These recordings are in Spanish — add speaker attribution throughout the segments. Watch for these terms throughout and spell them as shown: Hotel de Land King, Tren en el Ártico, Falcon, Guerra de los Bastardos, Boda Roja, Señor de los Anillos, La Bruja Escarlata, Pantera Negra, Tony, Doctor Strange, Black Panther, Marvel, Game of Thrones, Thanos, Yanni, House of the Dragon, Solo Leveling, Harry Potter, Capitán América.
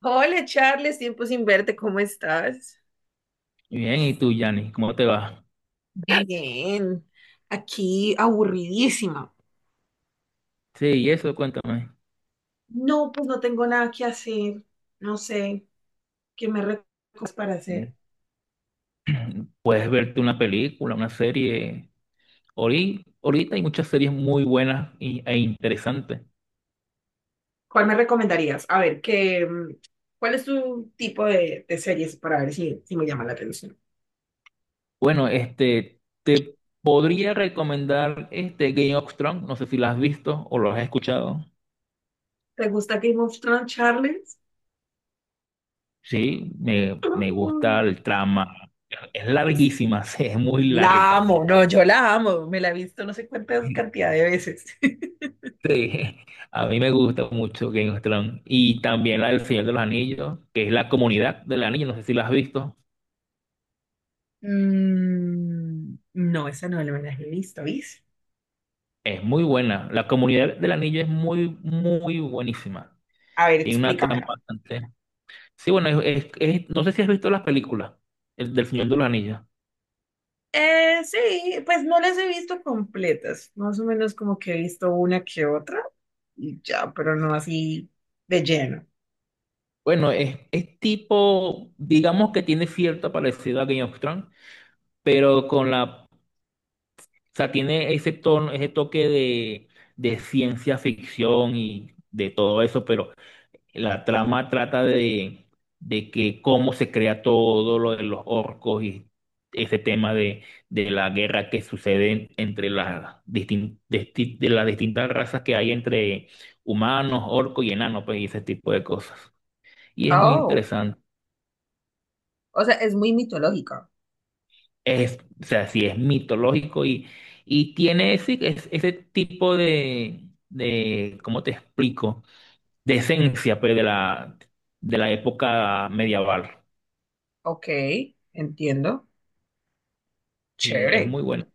Speaker 1: Hola Charles, tiempo sin verte, ¿cómo estás?
Speaker 2: Bien, ¿y tú, Yanni? ¿Cómo te va?
Speaker 1: Bien, aquí aburridísima.
Speaker 2: Sí, y eso, cuéntame.
Speaker 1: No, pues no tengo nada que hacer. No sé, ¿qué me recomiendas para
Speaker 2: Mm,
Speaker 1: hacer?
Speaker 2: puedes verte una película, una serie. Ahorita hay muchas series muy buenas e interesantes.
Speaker 1: ¿Cuál me recomendarías? A ver, ¿qué, cuál es tu tipo de series para ver si me llama la atención?
Speaker 2: Bueno, este, te podría recomendar este Game of Thrones. No sé si la has visto o lo has escuchado.
Speaker 1: ¿Te gusta Game of Thrones, Charles?
Speaker 2: Sí, me, me gusta
Speaker 1: Mm.
Speaker 2: el trama. Es
Speaker 1: Es-
Speaker 2: larguísima, sí, es muy
Speaker 1: La
Speaker 2: larga.
Speaker 1: amo, no, yo la amo. Me la he visto no sé cuántas cantidad de veces.
Speaker 2: Sí, a mí me gusta mucho Game of Thrones y también la del Señor de los Anillos, que es la comunidad del anillo, no sé si la has visto,
Speaker 1: Mm, no, esa no me la he visto, ¿viste?
Speaker 2: es muy buena. La comunidad del anillo es muy, muy buenísima.
Speaker 1: A ver,
Speaker 2: Tiene una trama
Speaker 1: explícamela.
Speaker 2: bastante... Sí, bueno, no sé si has visto las películas el del Señor de los Anillos.
Speaker 1: Sí, pues no las he visto completas, más o menos como que he visto una que otra y ya, pero no así de lleno.
Speaker 2: Bueno, es tipo, digamos que tiene cierta parecida a Game of Thrones, pero con la... O sea, tiene ese tono, ese toque de ciencia ficción y de todo eso, pero... La trama trata de que cómo se crea todo lo de los orcos y ese tema de la guerra que sucede entre las de las distintas razas que hay entre humanos, orcos y enanos, pues, y ese tipo de cosas. Y es muy
Speaker 1: Oh,
Speaker 2: interesante.
Speaker 1: o sea, es muy mitológica.
Speaker 2: Es, o sea, sí es mitológico y tiene ese, ese tipo de, ¿cómo te explico? De esencia, pues, de la época medieval.
Speaker 1: Ok, entiendo.
Speaker 2: Sí, es
Speaker 1: Chévere.
Speaker 2: muy bueno.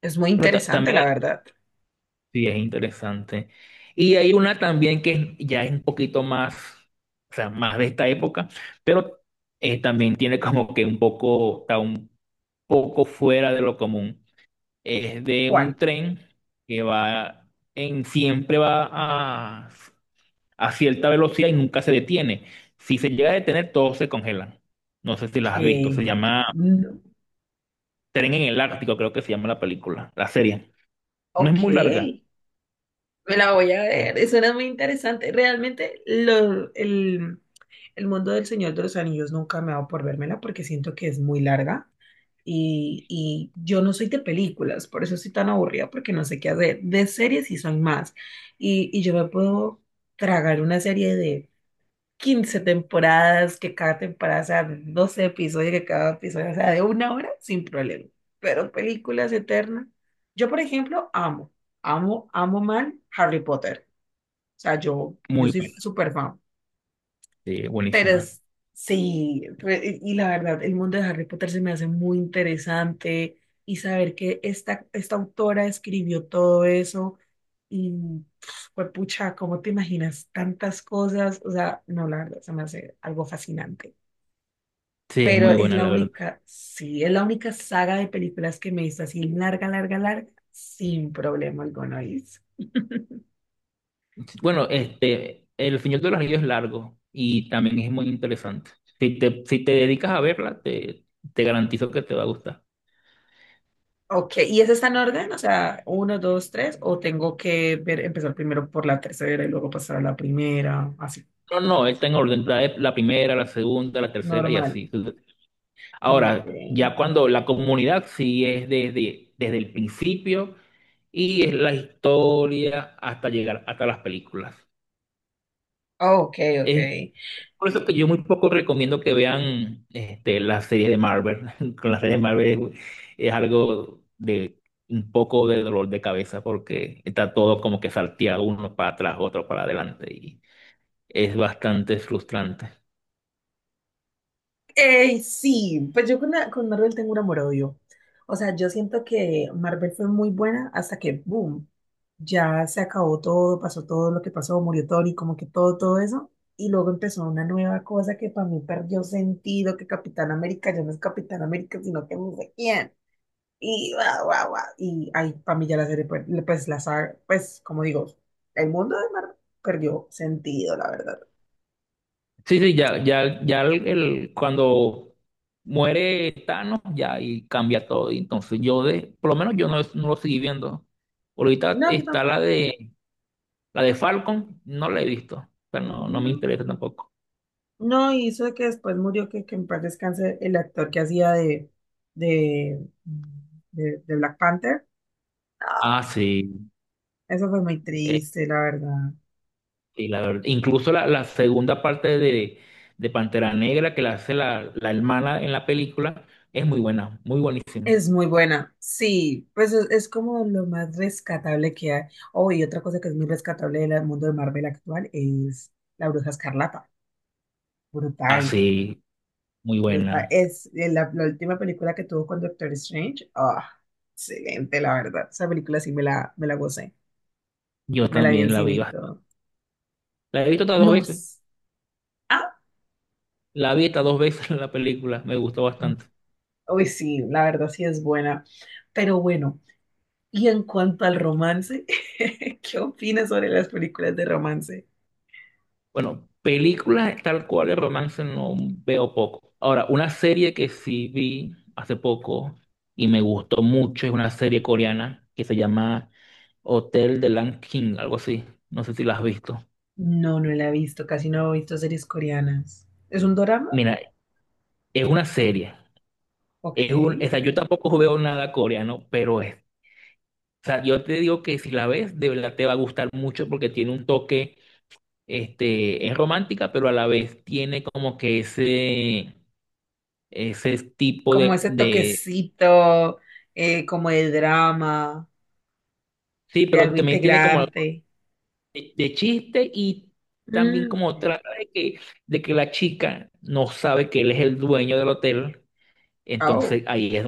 Speaker 1: Es muy
Speaker 2: Pero
Speaker 1: interesante,
Speaker 2: también hay,
Speaker 1: la verdad.
Speaker 2: sí, es interesante. Y hay una también que ya es un poquito más, o sea, más de esta época, pero también tiene como que un poco, está un poco fuera de lo común. Es de un
Speaker 1: ¿Cuál?
Speaker 2: tren que va en, siempre va a cierta velocidad y nunca se detiene. Si se llega a detener, todos se congelan. No sé si las has visto, se
Speaker 1: Que...
Speaker 2: llama
Speaker 1: no.
Speaker 2: Tren en el Ártico, creo que se llama la película, la serie. No es
Speaker 1: Ok,
Speaker 2: muy larga,
Speaker 1: me la voy a
Speaker 2: es
Speaker 1: ver. Suena muy interesante. Realmente el mundo del Señor de los Anillos nunca me ha dado por vérmela porque siento que es muy larga. Y yo no soy de películas, por eso soy tan aburrida, porque no sé qué hacer. De series sí soy más. Y yo me puedo tragar una serie de 15 temporadas, que cada temporada sea de 12 episodios, que cada episodio sea de una hora, sin problema. Pero películas eternas. Yo, por ejemplo, amo mal Harry Potter. O sea, yo
Speaker 2: muy
Speaker 1: soy
Speaker 2: buena.
Speaker 1: súper fan.
Speaker 2: Sí,
Speaker 1: Pero
Speaker 2: buenísima.
Speaker 1: es- y la verdad, el mundo de Harry Potter se me hace muy interesante y saber que esta autora escribió todo eso y pues pucha, ¿cómo te imaginas tantas cosas? O sea, no, la verdad, se me hace algo fascinante.
Speaker 2: Sí, es
Speaker 1: Pero
Speaker 2: muy
Speaker 1: es
Speaker 2: buena,
Speaker 1: la
Speaker 2: la verdad.
Speaker 1: única, sí, es la única saga de películas que me hizo así larga, larga, larga, sin problema alguno, Is.
Speaker 2: Bueno, este, El Señor de los Anillos es largo y también es muy interesante. Si te, si te dedicas a verla, te garantizo que te va a gustar.
Speaker 1: Ok, ¿y ese está en orden? O sea, uno, dos, tres, o tengo que ver, empezar primero por la tercera y luego pasar a la primera, así.
Speaker 2: No, no, está en orden, trae la primera, la segunda, la tercera y
Speaker 1: Normal.
Speaker 2: así.
Speaker 1: Ok.
Speaker 2: Ahora, ya cuando la comunidad sí es desde, desde el principio y es la historia hasta llegar hasta las películas.
Speaker 1: Ok, ok.
Speaker 2: Es por eso que yo muy poco recomiendo que vean este, las series de Marvel. Con las series de Marvel es algo de un poco de dolor de cabeza porque está todo como que salteado uno para atrás, otro para adelante y es bastante frustrante.
Speaker 1: Sí, pues yo con Marvel tengo un amor-odio. O sea, yo siento que Marvel fue muy buena hasta que, boom, ya se acabó todo, pasó todo lo que pasó, murió Tony, como que todo, todo eso. Y luego empezó una nueva cosa que para mí perdió sentido, que Capitán América ya no es Capitán América, sino que no sé quién. Y guau, guau, guau. Y ahí, para mí ya la serie, la saga, pues, como digo, el mundo de Marvel perdió sentido, la verdad.
Speaker 2: Sí, sí, ya, ya, ya cuando muere Thanos ya y cambia todo. Y entonces yo de, por lo menos yo no, no lo seguí viendo. Ahorita
Speaker 1: No, yo
Speaker 2: está
Speaker 1: tampoco,
Speaker 2: la de Falcon, no la he visto, pero no, no me
Speaker 1: no.
Speaker 2: interesa tampoco.
Speaker 1: No, y eso de que después murió, que en paz descanse el actor que hacía de, de Black Panther. No,
Speaker 2: Ah, sí.
Speaker 1: eso fue muy
Speaker 2: Eh,
Speaker 1: triste, la verdad.
Speaker 2: incluso la, la segunda parte de Pantera Negra que la hace la, la hermana en la película es muy buena, muy buenísima.
Speaker 1: Es muy buena, sí, pues es como lo más rescatable que hay. Oh, y otra cosa que es muy rescatable del mundo de Marvel actual es La Bruja Escarlata.
Speaker 2: Ah,
Speaker 1: Brutal.
Speaker 2: sí, muy
Speaker 1: Brutal.
Speaker 2: buena.
Speaker 1: Es la última película que tuvo con Doctor Strange. Ah, excelente, la verdad. Esa película sí me la gocé.
Speaker 2: Yo
Speaker 1: Me la vi en
Speaker 2: también la
Speaker 1: cine
Speaker 2: vi.
Speaker 1: y todo.
Speaker 2: La he visto hasta dos veces.
Speaker 1: Nos. Ah,
Speaker 2: La vi hasta dos veces en la película. Me gustó bastante.
Speaker 1: uy, sí, la verdad sí es buena. Pero bueno, y en cuanto al romance, ¿qué opinas sobre las películas de romance?
Speaker 2: Bueno, películas tal cual de romance no veo poco. Ahora, una serie que sí vi hace poco y me gustó mucho es una serie coreana que se llama Hotel de Land King, algo así. No sé si la has visto.
Speaker 1: No, no la he visto. Casi no he visto series coreanas. ¿Es un dorama?
Speaker 2: Mira, es una serie.
Speaker 1: Ok.
Speaker 2: Es un, o sea, yo tampoco veo nada coreano, pero es. O sea, yo te digo que si la ves, de verdad te va a gustar mucho porque tiene un toque, este, es romántica, pero a la vez tiene como que ese tipo
Speaker 1: Como ese
Speaker 2: de,
Speaker 1: toquecito, como de drama,
Speaker 2: sí,
Speaker 1: de
Speaker 2: pero
Speaker 1: algo
Speaker 2: también tiene como algo
Speaker 1: integrante.
Speaker 2: de chiste y también
Speaker 1: Mm,
Speaker 2: como
Speaker 1: ok.
Speaker 2: trata de que la chica no sabe que él es el dueño del hotel. Entonces
Speaker 1: Au.
Speaker 2: ahí es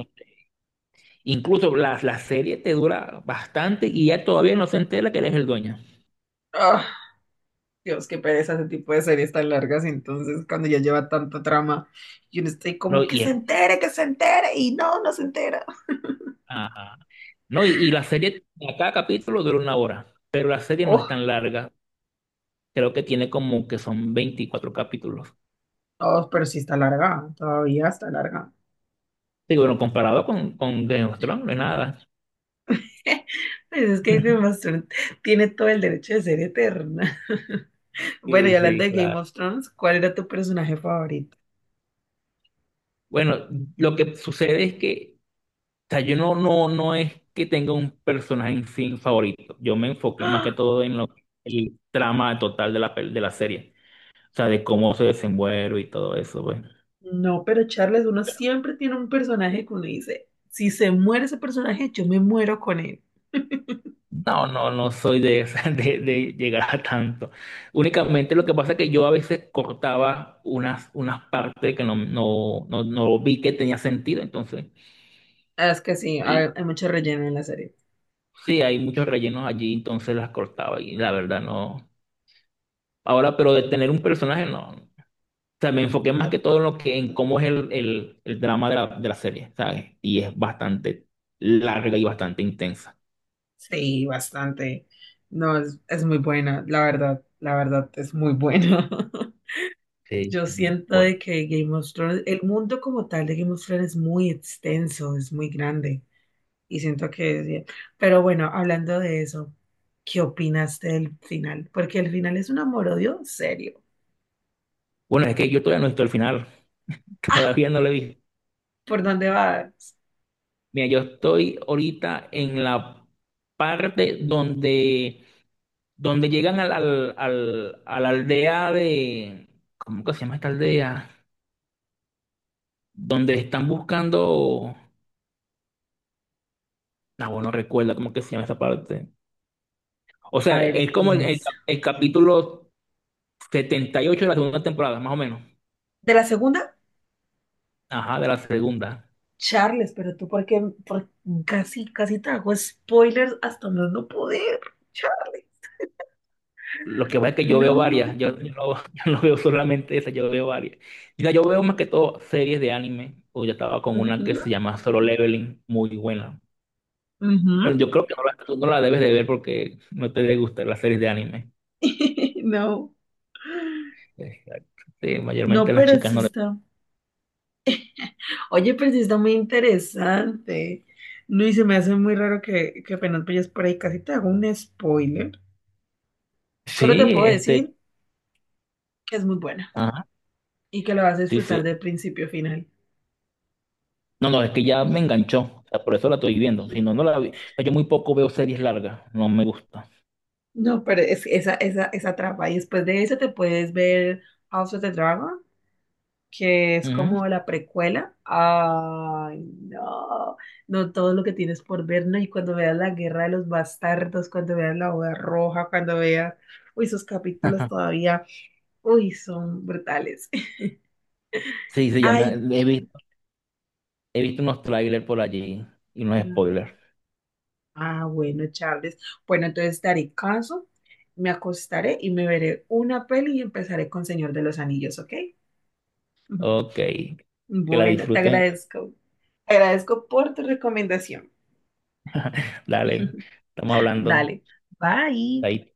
Speaker 2: incluso la, la serie te dura bastante y ya todavía no se entera que eres el dueño.
Speaker 1: Ah, Dios, qué pereza ese tipo de series tan largas. Entonces, cuando ya lleva tanta trama, yo no estoy
Speaker 2: No,
Speaker 1: como que se entere, y no, no se entera.
Speaker 2: ajá. No, y la serie, cada capítulo dura una hora, pero la serie no es
Speaker 1: Oh,
Speaker 2: tan larga. Creo que tiene como que son 24 capítulos.
Speaker 1: oh, pero sí está larga, todavía está larga.
Speaker 2: Sí, bueno, comparado con Game of Thrones, no es nada.
Speaker 1: Pues es que Game of Thrones tiene todo el derecho de ser eterna. Bueno,
Speaker 2: Sí,
Speaker 1: y hablando
Speaker 2: sí,
Speaker 1: de Game
Speaker 2: claro.
Speaker 1: of Thrones, ¿cuál era tu personaje favorito?
Speaker 2: Bueno, lo que sucede es que, o sea, yo no, no, no es que tenga un personaje en sí favorito. Yo me enfoqué más que
Speaker 1: ¡Ah!
Speaker 2: todo en lo, el trama total de la, de la serie. O sea, de cómo se desenvuelve y todo eso, pues.
Speaker 1: No, pero Charles, uno siempre tiene un personaje que uno dice, si se muere ese personaje, yo me muero con él.
Speaker 2: No, no, no soy de, de llegar a tanto. Únicamente lo que pasa es que yo a veces cortaba unas, unas partes que no, no, no, no vi que tenía sentido, entonces.
Speaker 1: Ah, es que sí,
Speaker 2: Y
Speaker 1: hay mucho relleno en la serie.
Speaker 2: sí, hay muchos rellenos allí, entonces las cortaba y la verdad no. Ahora, pero de tener un personaje, no. O sea, me enfoqué más
Speaker 1: Ah,
Speaker 2: que todo en lo que, en cómo es el drama de la serie, ¿sabes? Y es bastante larga y bastante intensa.
Speaker 1: sí, bastante. No, es muy buena, la verdad, es muy buena.
Speaker 2: Sí.
Speaker 1: Yo siento
Speaker 2: Bueno.
Speaker 1: de que Game of Thrones, el mundo como tal de Game of Thrones es muy extenso, es muy grande. Y siento que es bien. Pero bueno, hablando de eso, ¿qué opinaste del final? Porque el final es un amor-odio serio.
Speaker 2: Bueno, es que yo todavía no he visto el final,
Speaker 1: Ah,
Speaker 2: todavía no lo he visto.
Speaker 1: ¿por dónde vas?
Speaker 2: Mira, yo estoy ahorita en la parte donde, donde llegan a la aldea de... ¿Cómo que se llama esta aldea? Donde están buscando... No, bueno, no recuerdo cómo que se llama esa parte. O
Speaker 1: A
Speaker 2: sea,
Speaker 1: ver,
Speaker 2: es como el,
Speaker 1: piensa.
Speaker 2: el capítulo 78 de la segunda temporada, más o menos.
Speaker 1: ¿De la segunda?
Speaker 2: Ajá, de la segunda.
Speaker 1: Charles, pero tú casi, casi te hago spoilers hasta más no poder, Charles.
Speaker 2: Lo que pasa es que yo veo varias,
Speaker 1: No.
Speaker 2: yo no, yo no veo solamente esa, yo veo varias. Mira, yo veo más que todo series de anime, o yo estaba con una que
Speaker 1: Ujú,
Speaker 2: se llama Solo Leveling, muy buena. Bueno,
Speaker 1: ujú.
Speaker 2: yo creo que tú no la debes de ver porque no te gustan las series de anime.
Speaker 1: No,
Speaker 2: Exacto. Sí, mayormente
Speaker 1: no,
Speaker 2: las
Speaker 1: pero
Speaker 2: chicas
Speaker 1: sí
Speaker 2: no le...
Speaker 1: está. Oye, pero sí está muy interesante. No, y se me hace muy raro que apenas vayas por ahí, casi te hago un spoiler. Solo te
Speaker 2: Sí,
Speaker 1: puedo
Speaker 2: este,
Speaker 1: decir que es muy buena
Speaker 2: ajá,
Speaker 1: y que la vas a
Speaker 2: sí,
Speaker 1: disfrutar
Speaker 2: sí.
Speaker 1: de principio a final.
Speaker 2: No, no, es que ya me enganchó, o sea, por eso la estoy viendo, si no, no la vi. O sea, yo muy poco veo series largas, no me gusta.
Speaker 1: No, pero es esa trampa. Y después de eso te puedes ver House of the Dragon que es
Speaker 2: Ujú.
Speaker 1: como la precuela. Ay, no, no todo lo que tienes por ver, ¿no? Y cuando veas la Guerra de los Bastardos, cuando veas la Boda Roja, cuando veas, uy, esos capítulos todavía, uy, son brutales.
Speaker 2: Sí, se llama,
Speaker 1: Ay,
Speaker 2: he visto unos trailers por allí y unos spoilers.
Speaker 1: ah, bueno, Charles. Bueno, entonces daré caso, me acostaré y me veré una peli y empezaré con Señor de los Anillos, ¿ok?
Speaker 2: Ok, que la
Speaker 1: Bueno, te
Speaker 2: disfruten.
Speaker 1: agradezco. Te agradezco por tu recomendación.
Speaker 2: Dale, estamos hablando.
Speaker 1: Dale, bye.
Speaker 2: Ahí